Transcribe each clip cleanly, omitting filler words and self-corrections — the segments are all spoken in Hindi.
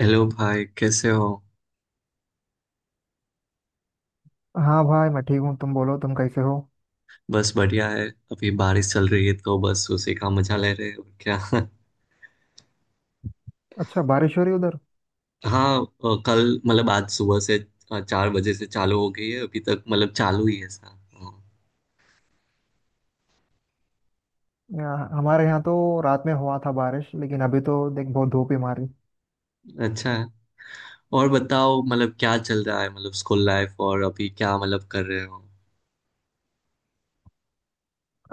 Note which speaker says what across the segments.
Speaker 1: हेलो भाई, कैसे हो।
Speaker 2: हाँ भाई, मैं ठीक हूँ। तुम बोलो, तुम कैसे हो?
Speaker 1: बस बढ़िया है। अभी बारिश चल रही है तो बस उसी का मजा ले रहे हैं, और क्या।
Speaker 2: अच्छा, बारिश हो रही उधर?
Speaker 1: हाँ, कल मतलब आज सुबह से 4 बजे से चालू हो गई है, अभी तक मतलब चालू ही है ऐसा।
Speaker 2: यहाँ हमारे यहाँ तो रात में हुआ था बारिश, लेकिन अभी तो देख बहुत धूप ही मारी।
Speaker 1: अच्छा है। और बताओ मतलब क्या चल रहा है, मतलब स्कूल लाइफ, और अभी क्या मतलब कर रहे हो।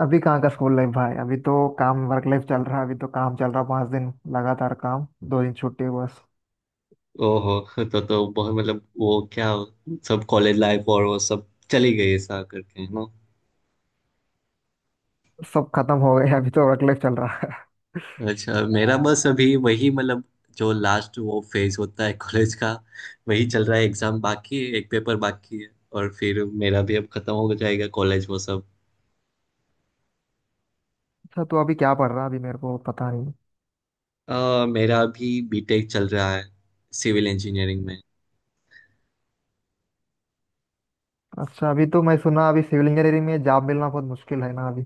Speaker 2: अभी कहाँ का स्कूल लाइफ भाई, अभी तो काम वर्क लाइफ चल रहा है। अभी तो काम चल रहा, 5 दिन लगातार काम, 2 दिन छुट्टी बस।
Speaker 1: ओहो। तो बहुत मतलब वो क्या, सब कॉलेज लाइफ और वो सब चली गई ऐसा करके, है ना।
Speaker 2: सब खत्म हो गया, अभी तो वर्क लाइफ चल रहा है।
Speaker 1: अच्छा, मेरा बस अभी वही, मतलब जो लास्ट वो फेज होता है कॉलेज का, वही चल रहा है। एग्जाम बाकी है, एक पेपर बाकी है। और फिर मेरा भी अब खत्म हो जाएगा कॉलेज वो सब।
Speaker 2: अच्छा, तो अभी क्या पढ़ रहा है? अभी मेरे को पता नहीं।
Speaker 1: मेरा अभी बीटेक चल रहा है, सिविल इंजीनियरिंग में।
Speaker 2: अच्छा, अभी तो मैं सुना अभी सिविल इंजीनियरिंग में जॉब मिलना बहुत मुश्किल है ना अभी।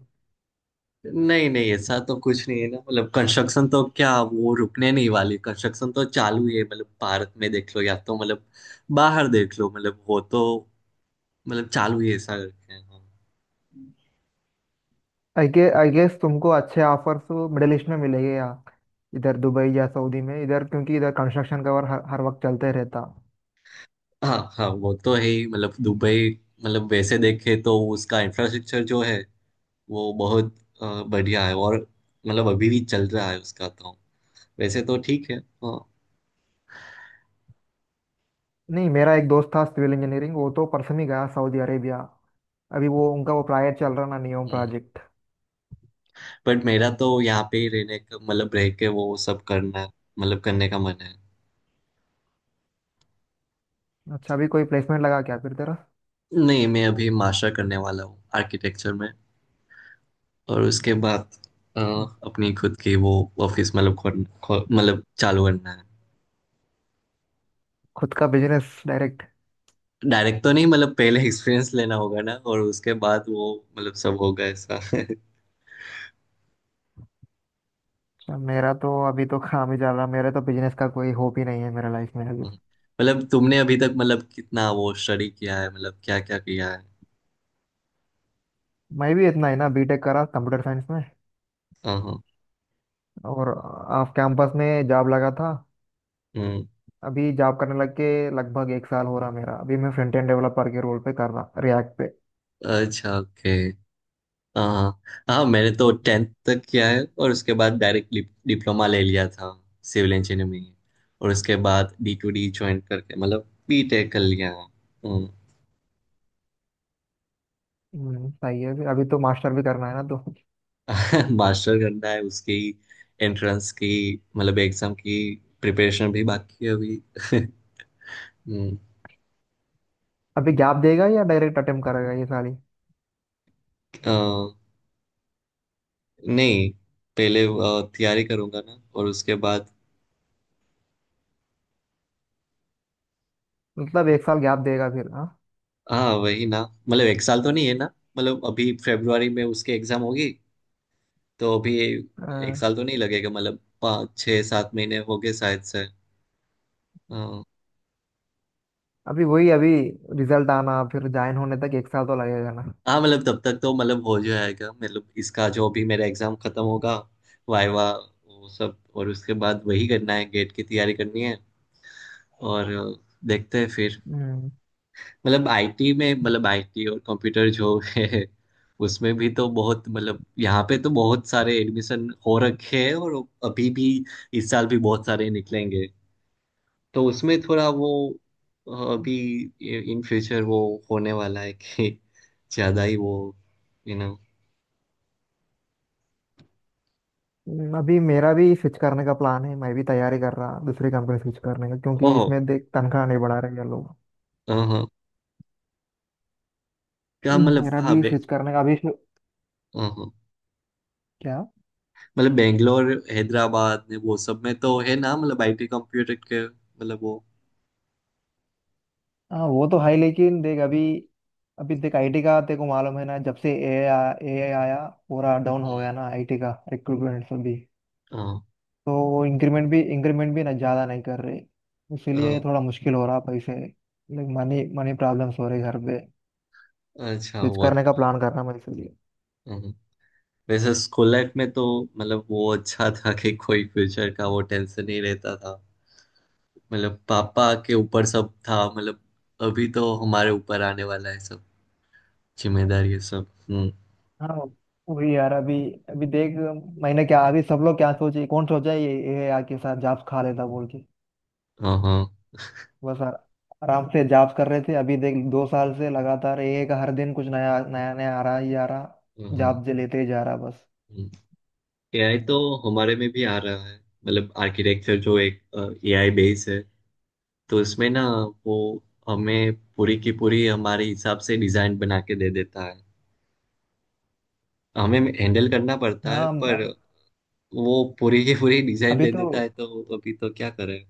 Speaker 1: नहीं नहीं, ऐसा तो कुछ नहीं है ना। मतलब कंस्ट्रक्शन तो क्या, वो रुकने नहीं वाली। कंस्ट्रक्शन तो चालू ही है, मतलब भारत में देख लो या तो मतलब बाहर देख लो, मतलब वो तो मतलब चालू ही ऐसा रखे हैं।
Speaker 2: आई गेस तुमको अच्छे ऑफर्स मिडिल ईस्ट में मिलेंगे। यहाँ इधर दुबई या सऊदी में, इधर क्योंकि इधर कंस्ट्रक्शन का वर्क हर वक्त चलते रहता।
Speaker 1: हाँ हाँ, वो तो है ही। मतलब दुबई, मतलब वैसे देखे तो उसका इंफ्रास्ट्रक्चर जो है, वो बहुत बढ़िया है, और मतलब अभी भी चल रहा है उसका तो, वैसे तो ठीक है। हाँ।
Speaker 2: नहीं, मेरा एक दोस्त था सिविल इंजीनियरिंग, वो तो परसों ही गया सऊदी अरेबिया। अभी वो उनका वो प्रोजेक्ट चल रहा ना, नियोम प्रोजेक्ट।
Speaker 1: बट मेरा तो यहाँ पे ही रहने का, मतलब रह के वो सब करना, मतलब करने का मन है।
Speaker 2: अच्छा, अभी कोई प्लेसमेंट लगा क्या फिर तेरा?
Speaker 1: नहीं, मैं अभी मास्टर करने वाला हूँ आर्किटेक्चर में। और उसके बाद अपनी खुद की वो ऑफिस, मतलब मतलब चालू करना है।
Speaker 2: खुद का बिजनेस डायरेक्ट?
Speaker 1: डायरेक्ट तो नहीं, मतलब पहले एक्सपीरियंस लेना होगा ना, और उसके बाद वो मतलब सब होगा ऐसा।
Speaker 2: अच्छा, मेरा तो अभी तो काम ही चल रहा, मेरा तो बिजनेस का कोई होप ही नहीं है मेरा लाइफ में अभी तो।
Speaker 1: मतलब तुमने अभी तक मतलब कितना वो स्टडी किया है, मतलब क्या क्या किया है।
Speaker 2: मैं भी इतना ही ना, बीटेक करा कंप्यूटर साइंस में।
Speaker 1: हाँ हाँ।
Speaker 2: और ऑफ कैंपस में जॉब लगा था।
Speaker 1: हम्म।
Speaker 2: अभी जॉब करने लग के लगभग एक साल हो रहा मेरा। अभी मैं फ्रंट एंड डेवलपर के रोल पे कर रहा रिएक्ट पे।
Speaker 1: अच्छा, ओके। हाँ। हाँ, मैंने तो टेंथ तक किया है, और उसके बाद डायरेक्ट डिप्लोमा ले लिया था सिविल इंजीनियरिंग में। और उसके बाद D2D ज्वाइन करके मतलब बीटेक कर लिया है। हम्म।
Speaker 2: सही है। अभी अभी तो मास्टर भी करना है ना तो।
Speaker 1: मास्टर करना है, उसकी एंट्रेंस की, मतलब एग्जाम की प्रिपरेशन भी बाकी है अभी। हम्म।
Speaker 2: अभी गैप देगा या डायरेक्ट अटेम्प्ट करेगा ये साल ही?
Speaker 1: अ, नहीं, पहले तैयारी करूंगा ना, और उसके बाद
Speaker 2: मतलब एक साल गैप देगा फिर, हाँ?
Speaker 1: हाँ, वही ना। मतलब 1 साल तो नहीं है ना। मतलब अभी फरवरी में उसके एग्जाम होगी। तो अभी एक
Speaker 2: अ,
Speaker 1: साल तो नहीं लगेगा, मतलब 5-6-7 महीने हो गए शायद से। हाँ।
Speaker 2: अभी वही, अभी रिजल्ट आना फिर ज्वाइन होने तक एक साल तो लगेगा ना।
Speaker 1: हाँ, मतलब तब तक तो मतलब हो जाएगा, मतलब इसका जो भी मेरा एग्जाम खत्म होगा, वाइवा वो सब, और उसके बाद वही करना है, गेट की तैयारी करनी है। और देखते हैं फिर।
Speaker 2: हम्म,
Speaker 1: मतलब IT में, मतलब IT और कंप्यूटर जो है, उसमें भी तो बहुत, मतलब यहाँ पे तो बहुत सारे एडमिशन हो रखे हैं, और अभी भी इस साल भी बहुत सारे निकलेंगे। तो उसमें थोड़ा वो अभी इन फ्यूचर वो होने वाला है कि ज़्यादा ही वो यू नो
Speaker 2: अभी मेरा भी स्विच करने का प्लान है। मैं भी तैयारी कर रहा दूसरी कंपनी स्विच करने का, क्योंकि
Speaker 1: ओहो।
Speaker 2: इसमें देख तनख्वाह नहीं बढ़ा रहे ये लोग।
Speaker 1: हाँ। क्या मतलब,
Speaker 2: मेरा
Speaker 1: कहाँ
Speaker 2: भी
Speaker 1: बे।
Speaker 2: स्विच करने का अभी शु-
Speaker 1: हाँ हाँ।
Speaker 2: क्या?
Speaker 1: मतलब बेंगलोर हैदराबाद ने वो सब में तो है ना, मतलब IT कंप्यूटर के मतलब वो।
Speaker 2: हाँ, वो तो है लेकिन देख अभी। अभी देख आईटी का, तेरे को मालूम है ना जब से ए आई आया। पूरा डाउन हो
Speaker 1: हम्म।
Speaker 2: गया ना आईटी का रिक्रूटमेंट सब भी।
Speaker 1: हाँ।
Speaker 2: तो वो इंक्रीमेंट भी ना ज़्यादा नहीं कर रहे। इसीलिए
Speaker 1: हाँ,
Speaker 2: थोड़ा मुश्किल हो रहा पैसे, लाइक मनी मनी प्रॉब्लम्स हो रही घर पे।
Speaker 1: अच्छा
Speaker 2: स्विच
Speaker 1: वो,
Speaker 2: करने का
Speaker 1: हाँ।
Speaker 2: प्लान कर रहा मैं इसीलिए।
Speaker 1: हाँ। वैसे स्कूल लाइफ में तो मतलब वो अच्छा था कि कोई फ्यूचर का वो टेंशन नहीं रहता था। मतलब पापा के ऊपर सब था, मतलब अभी तो हमारे ऊपर आने वाला है सब, जिम्मेदारी है सब। हम्म।
Speaker 2: हाँ, वही यार अभी। अभी देख, मैंने क्या, अभी सब लोग क्या सोचे, कौन सोचा ये ए आई के साथ जॉब्स खा लेता बोल के।
Speaker 1: हाँ हाँ
Speaker 2: बस आराम से जॉब कर रहे थे। अभी देख 2 साल से लगातार एक हर दिन कुछ नया नया नया आ रहा ही आ रहा।
Speaker 1: हाँ।
Speaker 2: जॉब जे लेते ही जा रहा बस।
Speaker 1: AI तो हमारे में भी आ रहा है। मतलब आर्किटेक्चर जो एक AI बेस है, तो इसमें ना, वो हमें पूरी की पूरी हमारे हिसाब से डिजाइन बना के दे देता है। हमें हैंडल करना पड़ता है,
Speaker 2: हाँ
Speaker 1: पर
Speaker 2: म-।
Speaker 1: वो पूरी की पूरी डिजाइन
Speaker 2: अभी
Speaker 1: दे
Speaker 2: तो।
Speaker 1: देता है, तो अभी तो क्या करें।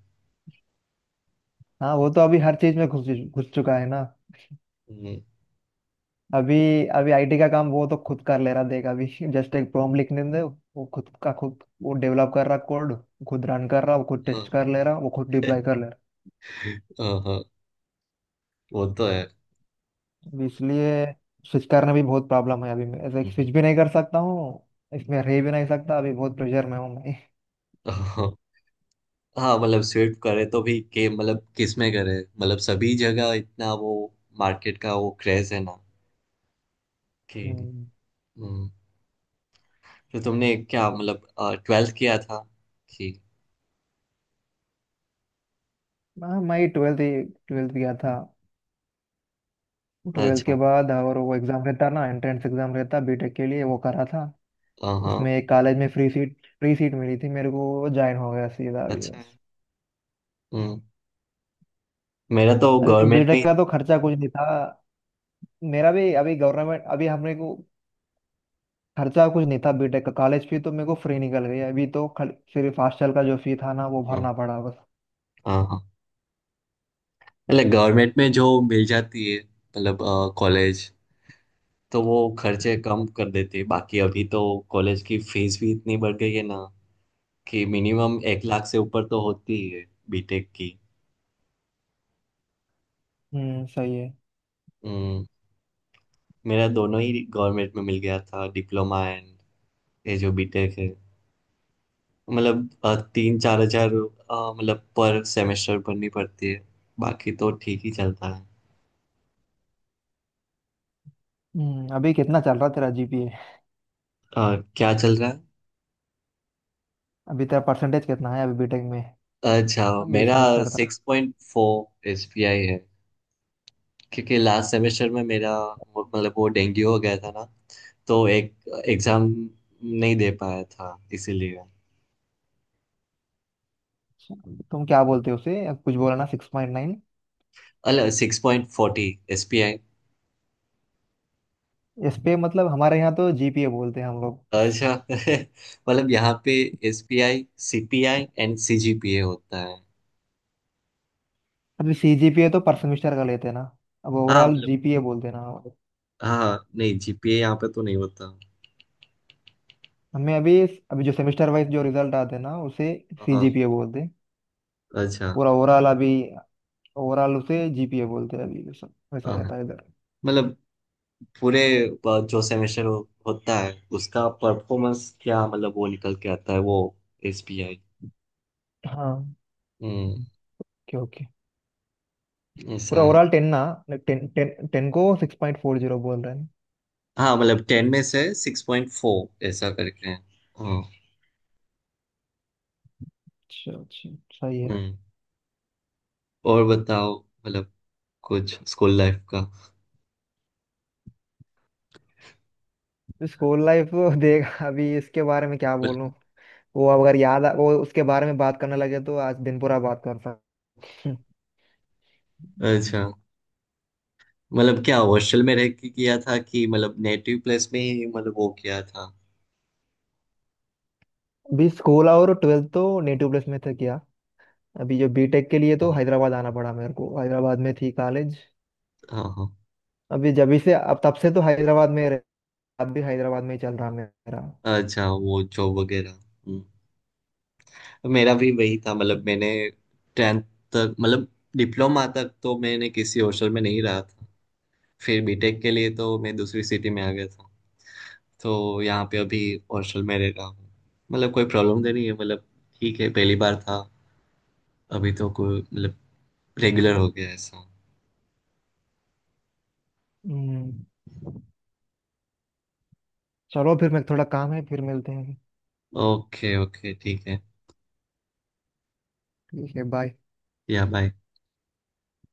Speaker 2: हाँ वो तो अभी हर चीज में घुस घुस चुका है ना।
Speaker 1: हम्म।
Speaker 2: अभी। अभी आईटी का काम वो तो खुद कर ले रहा देख अभी। जस्ट एक प्रॉम्प्ट लिखने दे, वो खुद का खुद वो डेवलप कर रहा कोड। खुद रन कर रहा, वो खुद
Speaker 1: हाँ।
Speaker 2: टेस्ट कर ले रहा, वो खुद डिप्लॉय कर ले रहा।
Speaker 1: हाँ, हाँ, वो तो है।
Speaker 2: अभी इसलिए स्विच करना भी बहुत प्रॉब्लम है, अभी मैं ऐसे स्विच
Speaker 1: हम्म।
Speaker 2: भी नहीं कर सकता हूँ। इसमें रह भी नहीं सकता, अभी बहुत प्रेशर में हूँ मैं।
Speaker 1: हाँ हाँ। मतलब स्विफ्ट करे तो भी के, मतलब किस में करे, मतलब सभी जगह इतना वो मार्केट का वो क्रेज है ना, कि
Speaker 2: हम्म।
Speaker 1: हम्म। तो तुमने क्या मतलब ट्वेल्थ किया था, कि
Speaker 2: हाँ, मैं ट्वेल्थ ट्वेल्थ गया था। ट्वेल्थ के
Speaker 1: अच्छा।
Speaker 2: बाद, और वो एग्ज़ाम रहता ना, एंट्रेंस एग्ज़ाम रहता बीटेक के लिए, वो करा था।
Speaker 1: हाँ हाँ।
Speaker 2: उसमें एक कॉलेज में फ्री सीट मिली थी मेरे को, ज्वाइन हो गया सीधा अभी
Speaker 1: अच्छा है।
Speaker 2: बस।
Speaker 1: हम्म। मेरा तो
Speaker 2: अभी
Speaker 1: गवर्नमेंट में
Speaker 2: बीटेक
Speaker 1: ही
Speaker 2: का
Speaker 1: था।
Speaker 2: तो खर्चा कुछ नहीं था। मेरा भी अभी गवर्नमेंट, अभी हमने को खर्चा कुछ नहीं था बीटेक का। कॉलेज फी तो मेरे को फ्री निकल गई, अभी तो सिर्फ हॉस्टल का जो फी था ना वो
Speaker 1: हाँ
Speaker 2: भरना पड़ा बस।
Speaker 1: हाँ हाँ। मतलब गवर्नमेंट में जो मिल जाती है मतलब कॉलेज, तो वो खर्चे कम कर देते हैं। बाकी अभी तो कॉलेज की फीस भी इतनी बढ़ गई है ना, कि मिनिमम 1 लाख से ऊपर तो होती ही है, बीटेक की।
Speaker 2: हम्म, सही है।
Speaker 1: हम्म। मेरा दोनों ही गवर्नमेंट में मिल गया था, डिप्लोमा एंड ये जो बीटेक है, मतलब 3-4 हजार मतलब पर सेमेस्टर भरनी पड़ती है। बाकी तो ठीक ही चलता है।
Speaker 2: अभी कितना चल रहा तेरा जीपीए?
Speaker 1: क्या चल रहा है।
Speaker 2: अभी तेरा परसेंटेज कितना है अभी बीटेक में?
Speaker 1: अच्छा,
Speaker 2: अभी ये
Speaker 1: मेरा
Speaker 2: सेमेस्टर?
Speaker 1: 6.4 SPI है। क्योंकि लास्ट सेमेस्टर में मेरा मतलब वो डेंगू हो गया था ना, तो एक एग्जाम नहीं दे पाया था इसीलिए।
Speaker 2: तुम क्या बोलते हो उसे, कुछ बोला ना, 6.9?
Speaker 1: अल 6.40 SPI।
Speaker 2: इस पे मतलब हमारे यहाँ तो जीपीए बोलते हैं हम लोग।
Speaker 1: अच्छा। मतलब यहाँ पे SPI, CPI एंड CGPA होता है।
Speaker 2: अभी सी जीपीए तो पर सेमेस्टर का लेते हैं ना। अब
Speaker 1: हाँ,
Speaker 2: ओवरऑल
Speaker 1: मतलब
Speaker 2: जीपीए बोलते हैं ना।
Speaker 1: हाँ हाँ, नहीं, GPA यहाँ पे तो नहीं होता।
Speaker 2: हमें अभी, अभी जो सेमेस्टर वाइज जो रिजल्ट आते हैं ना उसे
Speaker 1: हाँ
Speaker 2: सी
Speaker 1: हाँ,
Speaker 2: जीपीए बोलते हैं।
Speaker 1: अच्छा।
Speaker 2: पूरा ओवरऑल अभी, ओवरऑल उसे जीपीए बोलते हैं अभी। वैसा वैसा
Speaker 1: हाँ हाँ,
Speaker 2: रहता है इधर।
Speaker 1: मतलब पूरे जो सेमेस्टर होता है, उसका परफॉर्मेंस क्या, मतलब वो निकल के आता है वो SBI।
Speaker 2: हाँ,
Speaker 1: हम्म।
Speaker 2: Okay, okay.
Speaker 1: ऐसा
Speaker 2: पूरा
Speaker 1: है।
Speaker 2: ओवरऑल टेन ना, टेन टेन टेन को 6.40 बोल रहे हैं।
Speaker 1: हाँ, मतलब 10 में से 6.4 ऐसा करके है। हाँ।
Speaker 2: अच्छा अच्छा, सही है।
Speaker 1: हम्म। और बताओ, मतलब कुछ स्कूल लाइफ का।
Speaker 2: School life? देख अभी इसके बारे में क्या
Speaker 1: मतलब-
Speaker 2: बोलूं। वो अगर याद आ- वो उसके बारे में बात करने लगे तो आज दिन पूरा बात कर सकते हैं।
Speaker 1: अच्छा, मतलब क्या हॉस्टल में रह के किया था, कि मतलब नेटिव प्लेस में ही मतलब वो किया था।
Speaker 2: अभी स्कूल और ट्वेल्थ तो नेटिव प्लेस में था किया। अभी जो बीटेक के लिए तो
Speaker 1: हाँ
Speaker 2: हैदराबाद आना पड़ा मेरे को, हैदराबाद में थी कॉलेज।
Speaker 1: हाँ हाँ।
Speaker 2: अभी जब से अब तब से तो हैदराबाद में अब भी हैदराबाद में ही चल रहा मेरा।
Speaker 1: अच्छा, वो जॉब वगैरह। हम्म। तो मेरा भी वही था, मतलब मैंने टेंथ तक, मतलब डिप्लोमा तक तो मैंने किसी हॉस्टल में नहीं रहा था। फिर बीटेक के लिए तो मैं दूसरी सिटी में आ गया था, तो यहाँ पे अभी हॉस्टल में रह रहा हूँ। मतलब कोई प्रॉब्लम तो नहीं है, मतलब ठीक है, पहली बार था। अभी तो कोई, मतलब रेगुलर हो गया ऐसा।
Speaker 2: हम्म, चलो, फिर मैं, थोड़ा काम है, फिर मिलते हैं।
Speaker 1: ओके ओके, ठीक है।
Speaker 2: ठीक है, बाय।
Speaker 1: या, बाय।